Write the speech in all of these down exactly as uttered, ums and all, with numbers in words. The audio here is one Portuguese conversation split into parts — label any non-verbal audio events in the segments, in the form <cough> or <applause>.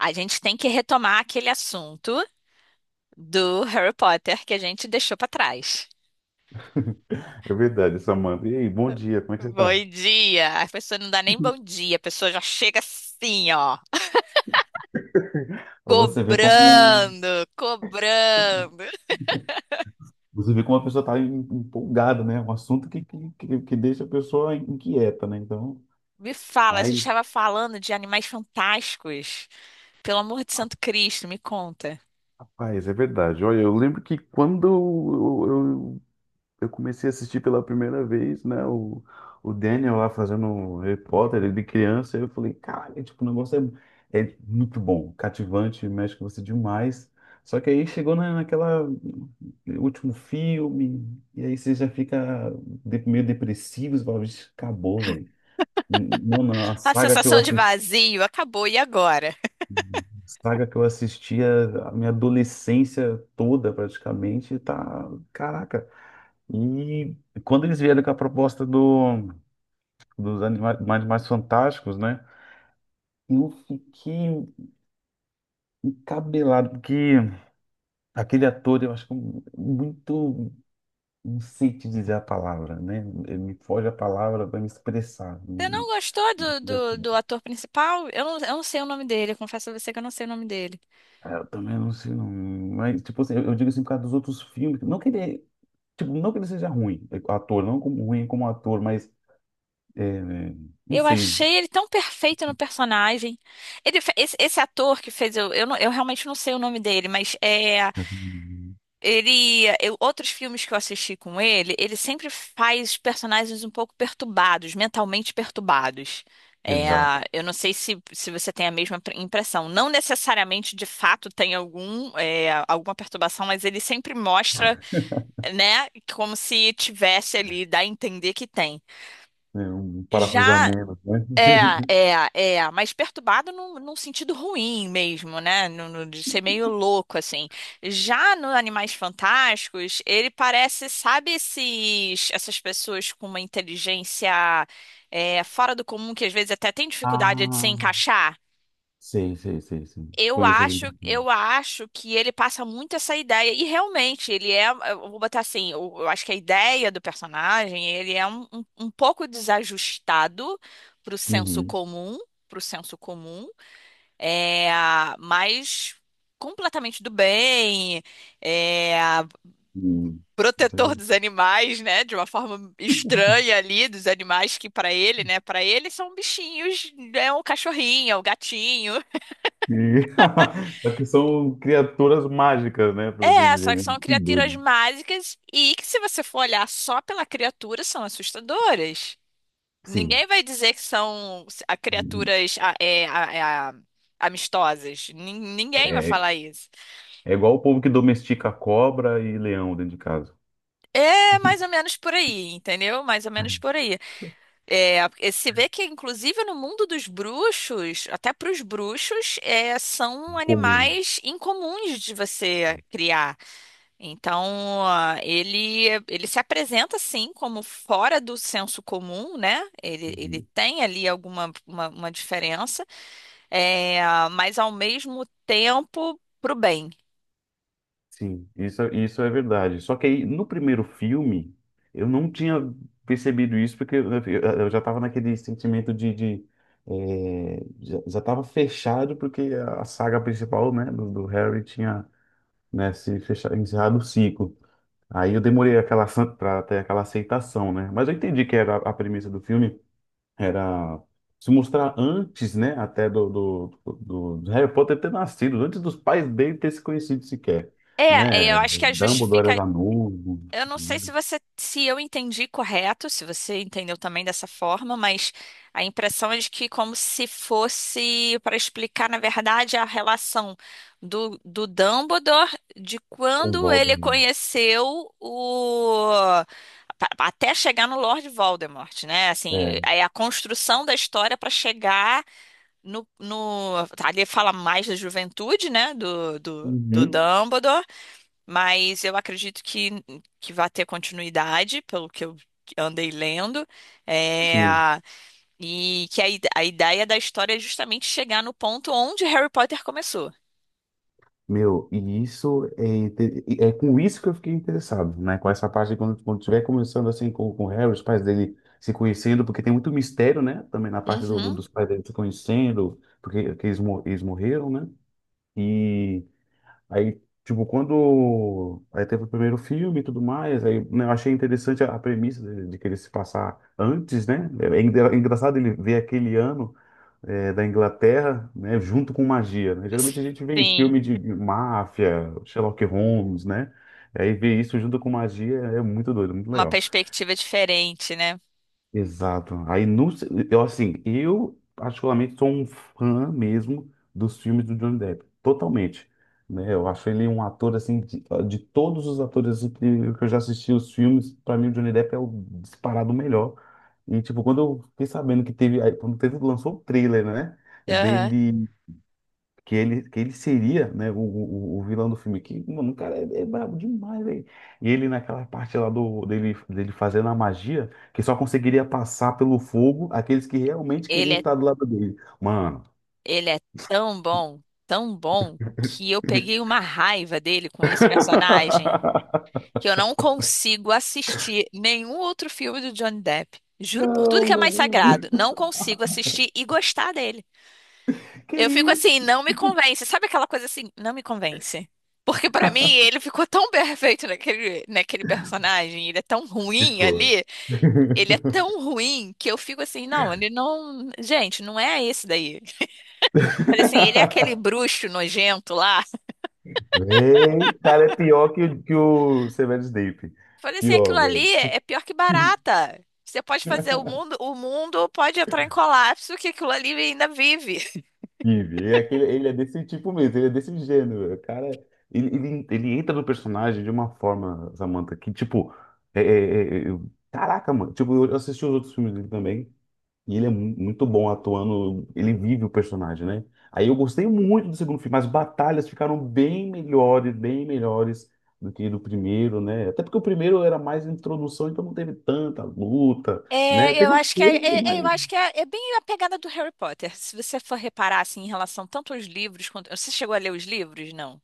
A gente tem que retomar aquele assunto do Harry Potter que a gente deixou pra trás. É verdade, Samanta. E aí, bom dia, como é que você tá? Bom dia! A pessoa não dá nem bom dia, a pessoa já chega assim, ó, Pra você ver como cobrando, cobrando. Você vê como a pessoa tá em- empolgada, né? Um assunto que, que, que, que deixa a pessoa inquieta, né? Então, Me fala, a mas, gente estava falando de Animais Fantásticos. Pelo amor de Santo Cristo, me conta. rapaz, é verdade. Olha, eu lembro que quando eu, eu comecei a assistir pela primeira vez, né? O, o Daniel lá fazendo o Harry Potter, ele de criança, eu falei, caralho, tipo, o negócio é, é muito bom, cativante, mexe com você demais. Só que aí chegou na, naquela último filme, e aí você já fica de- meio depressivo, você fala, "Vixe, acabou, velho. Mano, a A saga que eu sensação de vazio acabou, e agora? saga que eu assistia a minha adolescência toda, praticamente, tá. Caraca. E quando eles vieram com a proposta do, dos anima- Animais Fantásticos, né? Eu fiquei encabelado, porque aquele ator, eu acho que é muito. Não sei te dizer a palavra, né? Ele me foge a palavra para me expressar. Você não gostou do, do, do ator principal? Eu não, eu não sei o nome dele, eu confesso a você que eu não sei o nome dele. Ah, eu também não sei, não. Mas, tipo assim, eu eu digo assim por causa dos outros filmes. Não que ele é Tipo, não que ele seja ruim, é, ator, não como ruim como ator, mas é, não Eu sei. achei ele <laughs> tão perfeito no personagem. Ele, fe- esse, esse ator que fez, eu, eu, não- eu realmente não sei o nome dele, mas é, Hum, ele, eu- outros filmes que eu assisti com ele, ele sempre faz personagens um pouco perturbados, mentalmente perturbados. É, exato. eu não sei se, se você tem a mesma pre- impressão. Não necessariamente, de fato, tem algum, é, alguma perturbação, mas ele sempre mostra, né, como se tivesse ali, dá a entender que tem. É um Já parafusamento, né? é, <laughs> é, é, mas perturbado num, num sentido ruim mesmo, né? No- no- de ser meio louco, assim. Já no Animais Fantásticos, ele parece, sabe, esses, essas pessoas com uma inteligência, é, fora do comum, que às vezes até tem dificuldade de se Ah, encaixar? sei, sei, sei, sei. Eu Conheço gente. acho, eu acho que ele passa muito essa ideia, e realmente ele é, eu vou botar assim, eu, eu acho que a ideia do personagem, ele é um, um, um pouco desajustado pro senso Uhum. comum, pro senso comum, é, mas completamente do bem, é, Uhum. Isso é protetor dos verdade. animais, né, de uma forma estranha ali, dos animais que para ele, né, para ele são bichinhos, é um cachorrinho, é um gatinho. E- <laughs> É que são criaturas mágicas, né? Por assim É, dizer, só que né? são Que criaturas doido. mágicas e que, se você for olhar só pela criatura, são assustadoras. Sim. Ninguém vai dizer que são a- Uhum. criaturas a- é, a- é a- amistosas. Nin- Ninguém vai É, falar isso. é igual o povo que domestica cobra e leão dentro de casa. É mais ou menos por aí, entendeu? Mais ou menos por aí. É, e se vê que, inclusive, no mundo dos bruxos, até para os bruxos, é, são Comum. animais incomuns de você criar. Então, ah, ele, ele se apresenta assim como fora do senso comum, né? Ele, ele tem ali alguma uma, uma diferença, é, mas ao mesmo tempo pro bem. Sim, isso, é- isso é verdade. Só que aí, no primeiro filme, eu não tinha percebido isso, porque eu, eu- eu já estava naquele sentimento de, de, eh, já, já estava fechado, porque a saga principal, né, do, do Harry tinha, né, se fechado, encerrado o ciclo. Aí eu demorei aquela para ter aquela aceitação, né? Mas eu entendi que era a a premissa do filme, era se mostrar antes, né, até do, do, do- do Harry Potter ter nascido, antes dos pais dele ter se conhecido sequer, É, é, né? eu acho que a Dumbledore justifica. era novo, Eu não sei se você, se eu entendi correto, se você entendeu também dessa forma, mas a impressão é de que como se fosse para explicar, na verdade, a relação do, do Dumbledore de com quando ele Voldemort. conheceu o pa- até chegar no Lord Voldemort, né? Assim, É. é a construção da história para chegar no, no ali fala mais da juventude, né? Do, do, do Uhum. Dumbledore. Mas eu acredito que, que vai ter continuidade, pelo que eu andei lendo. É, Sim, e que a, ide- a ideia da história é justamente chegar no ponto onde Harry Potter começou. meu, e isso é, inte- é com isso que eu fiquei interessado, né? Com essa parte de quando, quando tiver começando assim com, com o Harry, os pais dele se conhecendo, porque tem muito mistério, né? Também na parte do, do- Uhum. dos pais dele se conhecendo, porque que eles, mo- eles morreram, né? e Aí, tipo, quando. Aí teve o primeiro filme e tudo mais, aí né, eu achei interessante a, a premissa de, de querer se passar antes, né? É, é engra- é engraçado ele ver aquele ano, é, da Inglaterra, né, junto com magia, né? Geralmente a gente vê em Sim, filme de de máfia, Sherlock Holmes, né? Aí ver isso junto com magia é muito doido, muito uma legal. perspectiva diferente, né? Exato. Aí não, se- eu assim, eu particularmente sou um fã mesmo dos filmes do Johnny Depp, totalmente, né? Eu acho ele um ator assim de, de todos os atores que que eu já assisti os filmes, para mim o Johnny Depp é o disparado melhor. E tipo, quando eu fiquei sabendo que teve, aí, quando teve lançou o trailer, né, Aham. dele, que ele, que ele seria, né, o, o, o vilão do filme, aqui mano, o cara é, é brabo demais, velho. E ele naquela parte lá do, dele, dele fazendo a magia, que só conseguiria passar pelo fogo aqueles que realmente queriam Ele é, estar do lado dele. Mano, ele é tão bom, tão bom, que eu peguei uma raiva dele com esse personagem, <laughs> que eu não consigo assistir nenhum outro filme do Johnny Depp. Juro por tudo não, que é mais sagrado, não. não consigo assistir e gostar dele. Que Eu fico isso? assim, não me convence. Sabe aquela coisa assim, não me convence. Porque pra mim ele ficou tão perfeito naquele, naquele personagem, ele é tão ruim Ficou. ali, ele é tão ruim que eu fico assim, não, ele não, gente, não é esse daí. Falei assim, ele é aquele <laughs> bruxo nojento lá. Véi, cara, é pior que, o- que o Severo Snape. Falei assim, aquilo Pior, velho. ali é pior que barata. Você pode fazer o mundo, o mundo pode entrar em colapso que aquilo ali ainda vive. Steve. É aquele, ele é desse tipo mesmo, ele é desse gênero. O cara, ele, ele, ele entra no personagem de uma forma, Samantha, que tipo, é, é, é, é, eu- caraca, mano. Tipo, eu assisti os outros filmes dele também, e ele é mu- muito bom atuando, ele vive o personagem, né? Aí eu gostei muito do segundo filme, as batalhas ficaram bem melhores, bem melhores do que do primeiro, né? Até porque o primeiro era mais introdução, então não teve tanta luta, né? É, eu Teve um acho que é, pouco. é- é, eu acho que é, é bem a pegada do Harry Potter. Se você for reparar assim em relação tanto aos livros, quanto você chegou a ler os livros? Não.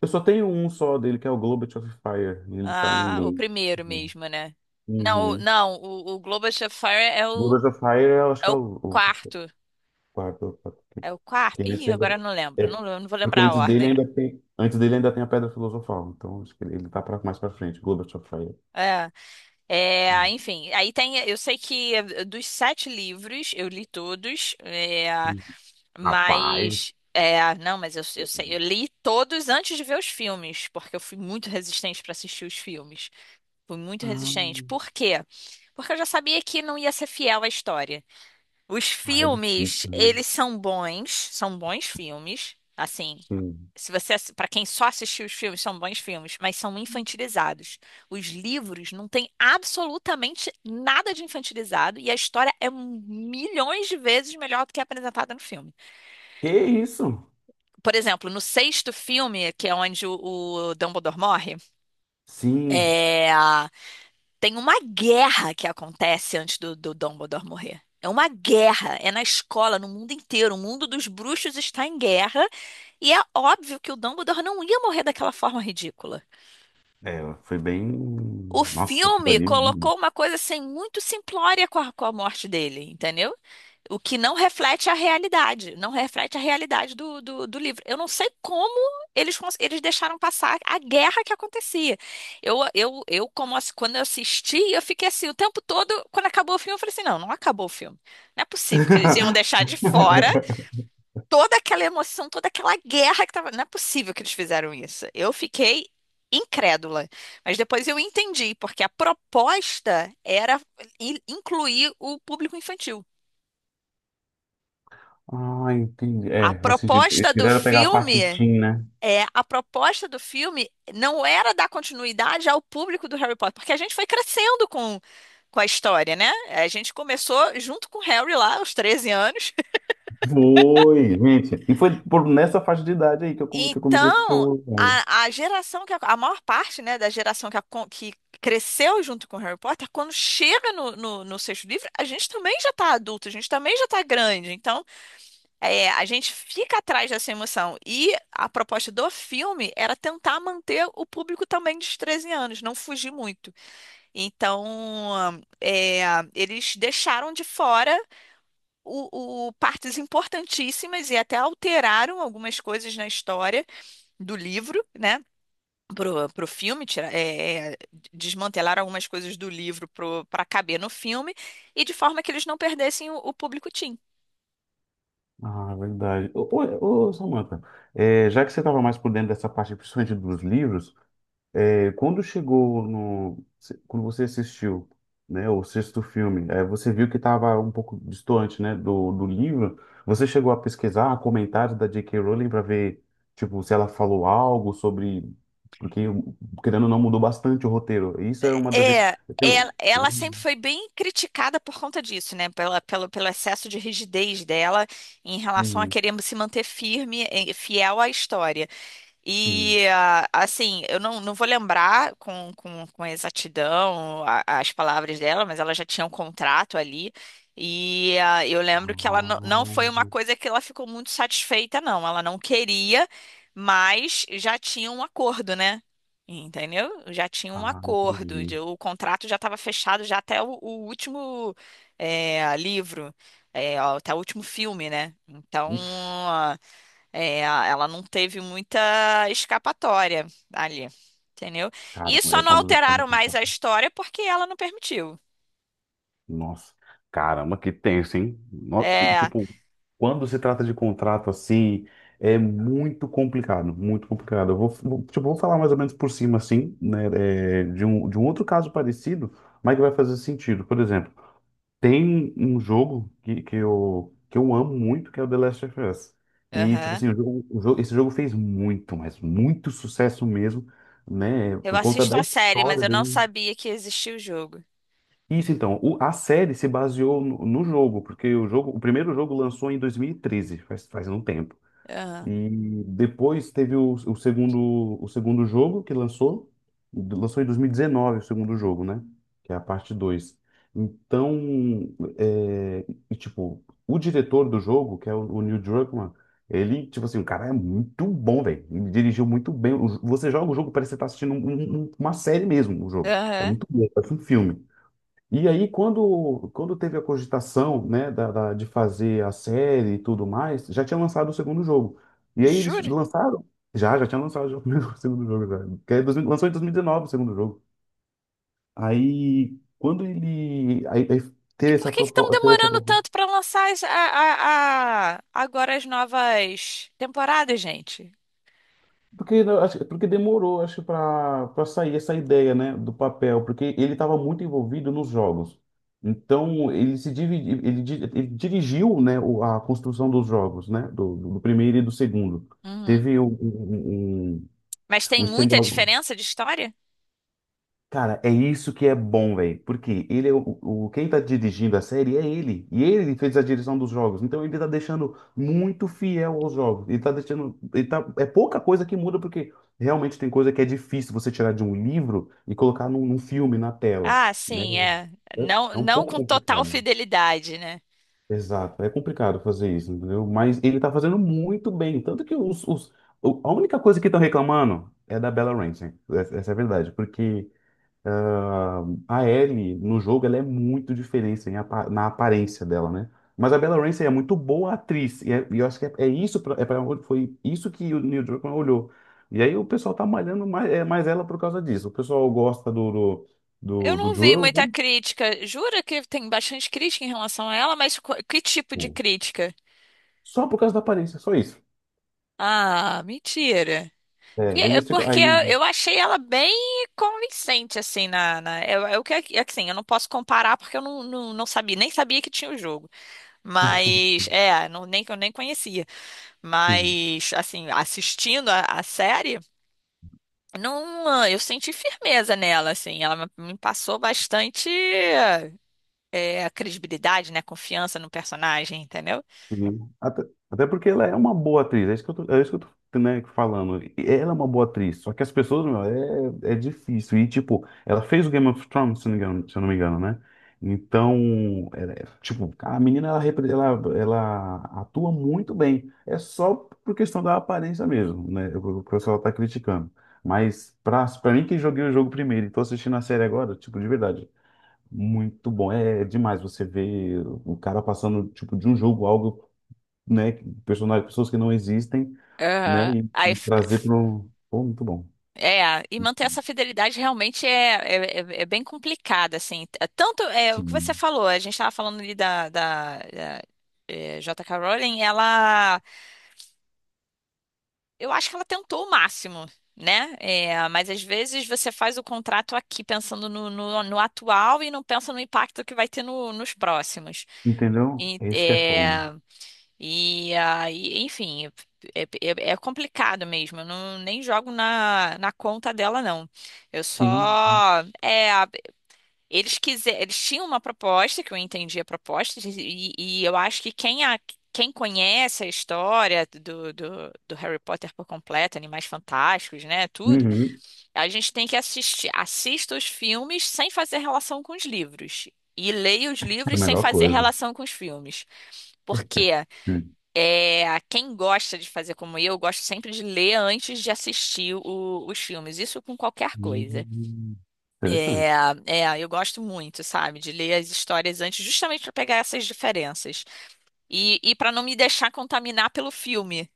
Eu só tenho um só dele, que é o Globet of Fire, e ele tá em Ah, o inglês. primeiro Uhum. mesmo, né? Não, o- Uhum. não, o, o Globo of Fire é o Globet of Fire, eu acho é que é o o, o quarto. quarto. O quarto, Que É o quarto. que antes Ih, ainda, agora eu não lembro. é, Não, eu não vou porque lembrar a antes dele ordem. ainda tem, antes dele ainda tem a Pedra Filosofal. Então acho que ele, ele tá pra, mais pra frente. Globet of Fire. É. É, Uhum. enfim, aí tem. Eu sei que eh, dos sete livros eu li todos, é, Uhum. mas. Rapaz. É, não, mas eu, eu sei, eu li todos antes de ver os filmes, porque eu fui muito resistente para assistir os filmes. Fui muito Ah, resistente. Por quê? Porque eu já sabia que não ia ser fiel à história. Os ah, é filmes, difícil, né? eles são bons, são bons filmes. Assim, Sim. se você, para quem só assistiu os filmes, são bons filmes, mas são infantilizados. Os livros não têm absolutamente nada de infantilizado e a história é milhões de vezes melhor do que é apresentada no filme. Que isso? Por exemplo, no sexto filme, que é onde o, o Dumbledore morre, Sim. é, tem uma guerra que acontece antes do, do Dumbledore morrer. É uma guerra, é na escola, no mundo inteiro. O mundo dos bruxos está em guerra. E é óbvio que o Dumbledore não ia morrer daquela forma ridícula. É, foi bem. O Nossa, aquilo filme ali. colocou uma coisa assim muito simplória com a, com a morte dele, entendeu? O que não reflete a realidade, não reflete a realidade do, do, do livro. Eu não sei como eles, cons- eles deixaram passar a guerra que acontecia. Eu, eu, eu como ass- quando eu assisti, eu fiquei assim, o tempo todo, quando acabou o filme, eu falei assim, não, não acabou o filme. Não é possível que eles iam <laughs> deixar de fora <laughs> toda aquela emoção, toda aquela guerra que tava. Não é possível que eles fizeram isso. Eu fiquei incrédula. Mas depois eu entendi, porque a proposta era i- incluir o público infantil. Ah, entendi. A É, faz sentido. Eles proposta do quiseram pegar a parte filme. teen, né? É, a proposta do filme não era dar continuidade ao público do Harry Potter, porque a gente foi crescendo com, com a história, né? A gente começou junto com o Harry lá, aos treze anos. Foi, gente. E foi por nessa faixa de idade aí que eu, come- que eu comecei a assistir Então, o horror. a, a geração que a, a maior parte, né, da geração que, acon- que cresceu junto com Harry Potter, quando chega no, no, no sexto livro, a gente também já tá adulto, a gente também já tá grande. Então, é, a gente fica atrás dessa emoção. E a proposta do filme era tentar manter o público também dos treze anos, não fugir muito. Então, é, eles deixaram de fora o, o- partes importantíssimas e até alteraram algumas coisas na história do livro, né? Pro, pro filme, tira, é, é, desmantelar algumas coisas do livro pro, para caber no filme, e de forma que eles não perdessem o, o público teen. Ah, verdade. Ô, ô, ô, Samantha, é, já que você estava mais por dentro dessa parte, principalmente dos livros, É, quando chegou no, quando você assistiu, né, o sexto filme, é, você viu que estava um pouco distante, né, do, do livro. Você chegou a pesquisar comentários da jota ká. Rowling para ver, tipo, se ela falou algo sobre, porque querendo ou não mudou bastante o roteiro. Isso é uma das. rec- É, ela, Eu- ela sempre foi bem criticada por conta disso, né? Pela, pelo, pelo excesso de rigidez dela em relação a Uhum, querer se manter firme e fiel à história. sim. E ah, assim, eu não, não vou lembrar com, com, com exatidão a- as palavras dela, mas ela já tinha um contrato ali. E ah, eu lembro que ela não, não Ah, foi uma coisa que ela ficou muito satisfeita, não. Ela não queria, mas já tinha um acordo, né? Entendeu? Já tinha um ah, acordo. entendi. de- O contrato já estava fechado já até o, o último, eh, livro, eh, até o último filme, né? Então. Ixi, É, a- ela não teve muita escapatória ali, entendeu? cara, E só é não quando, quando é alteraram mais a história porque ela não permitiu. nossa, caramba, que tenso, hein? No- e, É, Tipo, quando se trata de contrato assim, é muito complicado, muito complicado. Eu vou, vou- tipo, vou falar mais ou menos por cima, assim, né, é, de um, de um outro caso parecido, mas que vai fazer sentido. Por exemplo, tem um jogo que, que eu, que eu amo muito, que é o The Last of Us. E, tipo aham. assim, o jogo, o jogo- esse jogo fez muito, mas muito sucesso mesmo, né, Eu por conta assisto da a série, mas história eu não dele. sabia que existia o jogo. Isso então, o- a série se baseou no, no jogo, porque o jogo, o primeiro jogo lançou em dois mil e treze, faz, faz um tempo. Aham, E depois teve o, o segundo, o segundo jogo que lançou, lançou em dois mil e dezenove o segundo jogo, né? Que é a parte dois. Então, é, e, tipo, o diretor do jogo, que é o, o Neil Druckmann, ele, tipo assim, o cara é muito bom, velho. Ele dirigiu muito bem. O- você joga o jogo, parece que você tá assistindo um- um- uma série mesmo, o jogo. É aham. muito bom, parece um filme. E aí, quando, quando teve a cogitação, né, da, da- de fazer a série e tudo mais, já tinha lançado o segundo jogo. E aí eles Juro? lançaram? Já, já tinha lançado o primeiro- <laughs> o segundo jogo. Já. Que é dois mil, lançou em dois mil e dezenove o segundo jogo. Aí, quando ele aí, aí E teve por essa que que estão proposta. demorando tanto para lançar as- a, a- a- agora as novas temporadas, gente? Porque, não, acho- porque demorou, acho, para para sair essa ideia, né, do papel, porque ele estava muito envolvido nos jogos. Então, ele se dividi, ele, di- ele dirigiu, né, o- a construção dos jogos, né, do, do primeiro e do segundo. Uhum. Teve um, um, um, Mas um tem muita stand-alone. diferença de história? Cara, é isso que é bom, velho. Porque ele é o, o- quem tá dirigindo a série é ele. E ele fez a direção dos jogos. Então ele tá deixando muito fiel aos jogos. Ele tá deixando, ele tá, é pouca coisa que muda, porque realmente tem coisa que é difícil você tirar de um livro e colocar num, num filme na tela, Ah, né? sim, é. É, Não, é um não pouco com total complicado. fidelidade, né? Exato, é complicado fazer isso, entendeu? Mas ele tá fazendo muito bem. Tanto que os, os- o- a única coisa que estão reclamando é da Bella Ramsey. Essa essa é a verdade, porque ah, a Ellie no jogo ela é muito diferente em apa- na aparência dela, né? Mas a Bella Ramsey é muito boa atriz e, é- e eu acho que é, é isso pra, é pra, onde- foi isso que o Neil Druckmann olhou. E aí o pessoal tá malhando mais, é, mais ela por causa disso. O pessoal gosta do Eu do, do, do não vi Joel, muita né? crítica. Jura que tem bastante crítica em relação a ela, mas qu- que tipo de Sim. crítica? Só por causa da aparência, só isso. Ah, mentira. É, Porque eles ficam porque aí. eu achei ela bem convincente, assim, na, na, é, é o que, é que, assim, eu não posso comparar porque eu não, não, não sabia, nem sabia que tinha o jogo. Mas, é, não, nem que eu nem conhecia. Mas, assim, assistindo a, a série, não, eu senti firmeza nela, assim, ela me me passou bastante é, a credibilidade, né? a Confiança no personagem, entendeu? Sim. Até, até porque ela é uma boa atriz, é isso que eu tô, é isso que eu tô, né, falando. E ela é uma boa atriz, só que as pessoas, meu, é, é difícil. E, tipo, ela fez o Game of Thrones, se não me engano, se eu não me engano, né? Então, ela é- tipo, a menina, ela, repre- ela, ela atua muito bem. É só por questão da aparência mesmo, né? O o pessoal tá criticando. Mas, pra, pra mim que joguei o jogo primeiro e tô assistindo a série agora, tipo, de verdade. Muito bom, é é demais você ver o cara passando tipo de um jogo algo, né, personagens, pessoas que não existem, né, Aham. e, Aí, e f- trazer f- para um... Pô, muito bom. é, e manter essa fidelidade realmente é, é, é- é bem complicada, assim. T- Tanto é o que você Sim. falou, a gente estava falando ali da, da, da, é, J.K. Rowling, ela, eu acho que ela tentou o máximo, né? É, mas às vezes você faz o contrato aqui pensando no, no, no atual e não pensa no impacto que vai ter no- nos próximos. Entendeu? E, Esse que é fogo. é, E aí, enfim, é, é- é complicado mesmo. Eu não, nem jogo na, na conta dela, não. Eu Sim. só. É, eles quiser, eles tinham uma proposta, que eu entendi a proposta, e, e eu acho que quem, a, quem conhece a história do, do, do Harry Potter por completo, Animais Fantásticos, né, tudo, Uhum. a gente tem que assistir, assista os filmes sem fazer relação com os livros. E leia os É a livros sem melhor fazer coisa. relação com os filmes. Por quê? Hum. É, quem gosta de fazer como eu, eu gosto sempre de ler antes de assistir o- os filmes. Isso com qualquer coisa. Hum. É, Interessante. é, eu gosto muito, sabe, de ler as histórias antes, justamente para pegar essas diferenças e, e para não me deixar contaminar pelo filme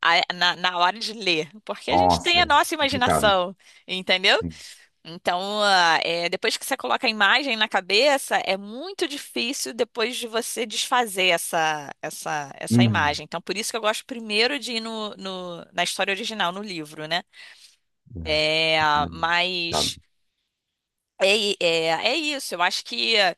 a- na, na hora de ler, porque a gente tem Nossa, a é nossa complicado. imaginação, entendeu? Sim. Então, ah, é, depois que você coloca a imagem na cabeça, é muito difícil depois de você desfazer essa, essa, essa Hum. imagem. Então, por isso que eu gosto primeiro de ir no, no- na história original, no livro, né? É, É, é complicado. mas é, i- é, é isso. Eu acho que, é,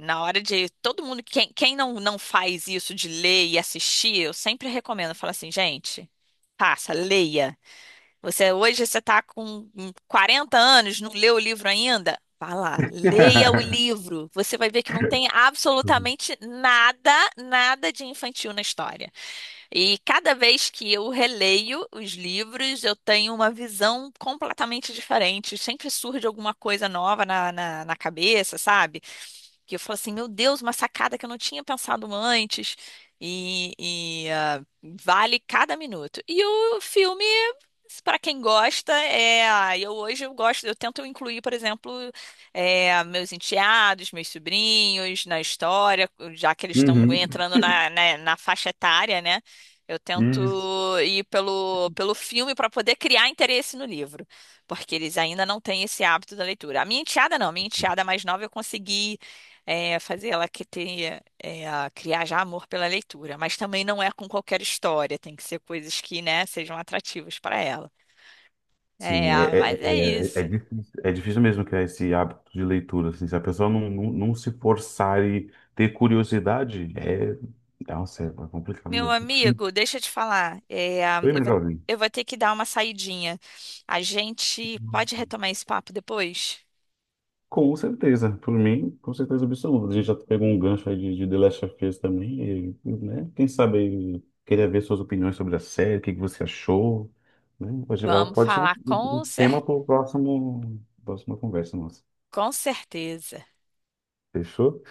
na hora de todo mundo, quem, quem não, não faz isso de ler e assistir, eu sempre recomendo, eu falo assim, gente, passa, leia. Você hoje você está com quarenta anos, não leu o livro ainda? Vá lá, leia o <laughs> livro. Você vai ver que não tem absolutamente nada, nada de infantil na história. E cada vez que eu releio os livros, eu tenho uma visão completamente diferente. Sempre surge alguma coisa nova na, na, na cabeça, sabe? Que eu falo assim, meu Deus, uma sacada que eu não tinha pensado antes. E, e, ah, vale cada minuto. E o filme, para quem gosta, é. ah, Eu hoje eu gosto, eu tento incluir, por exemplo, é, meus enteados, meus sobrinhos na história, já que eles estão Uhum. entrando na, na, na faixa etária, né? Eu tento Isso. ir pelo, pelo filme para poder criar interesse no livro, porque eles ainda não têm esse hábito da leitura. A minha enteada não. A minha enteada mais nova eu consegui é, fazer ela que tenha, é, a criar já amor pela leitura, mas também não é com qualquer história, tem que ser coisas que, né, sejam atrativas para ela. É, Sim, é, é, mas é é, é é isso. difícil, é difícil mesmo criar esse hábito de leitura, assim, se a pessoa não, não, não se forçar e ter curiosidade, é, nossa, é complicado Meu mesmo. <laughs> amigo, deixa eu te falar, é, Oi, eu meu vou, jovem. eu vou ter que dar uma saidinha. A gente pode retomar esse papo depois? Com certeza, por mim, com certeza absoluta. A gente já pegou um gancho aí de, de The Last of Us também, e, né? Quem sabe aí, queria ver suas opiniões sobre a série, o que que você achou, né? Pode, Vamos pode ser um, falar um com um tema cer- para o próximo, próxima conversa nossa. com certeza. Fechou?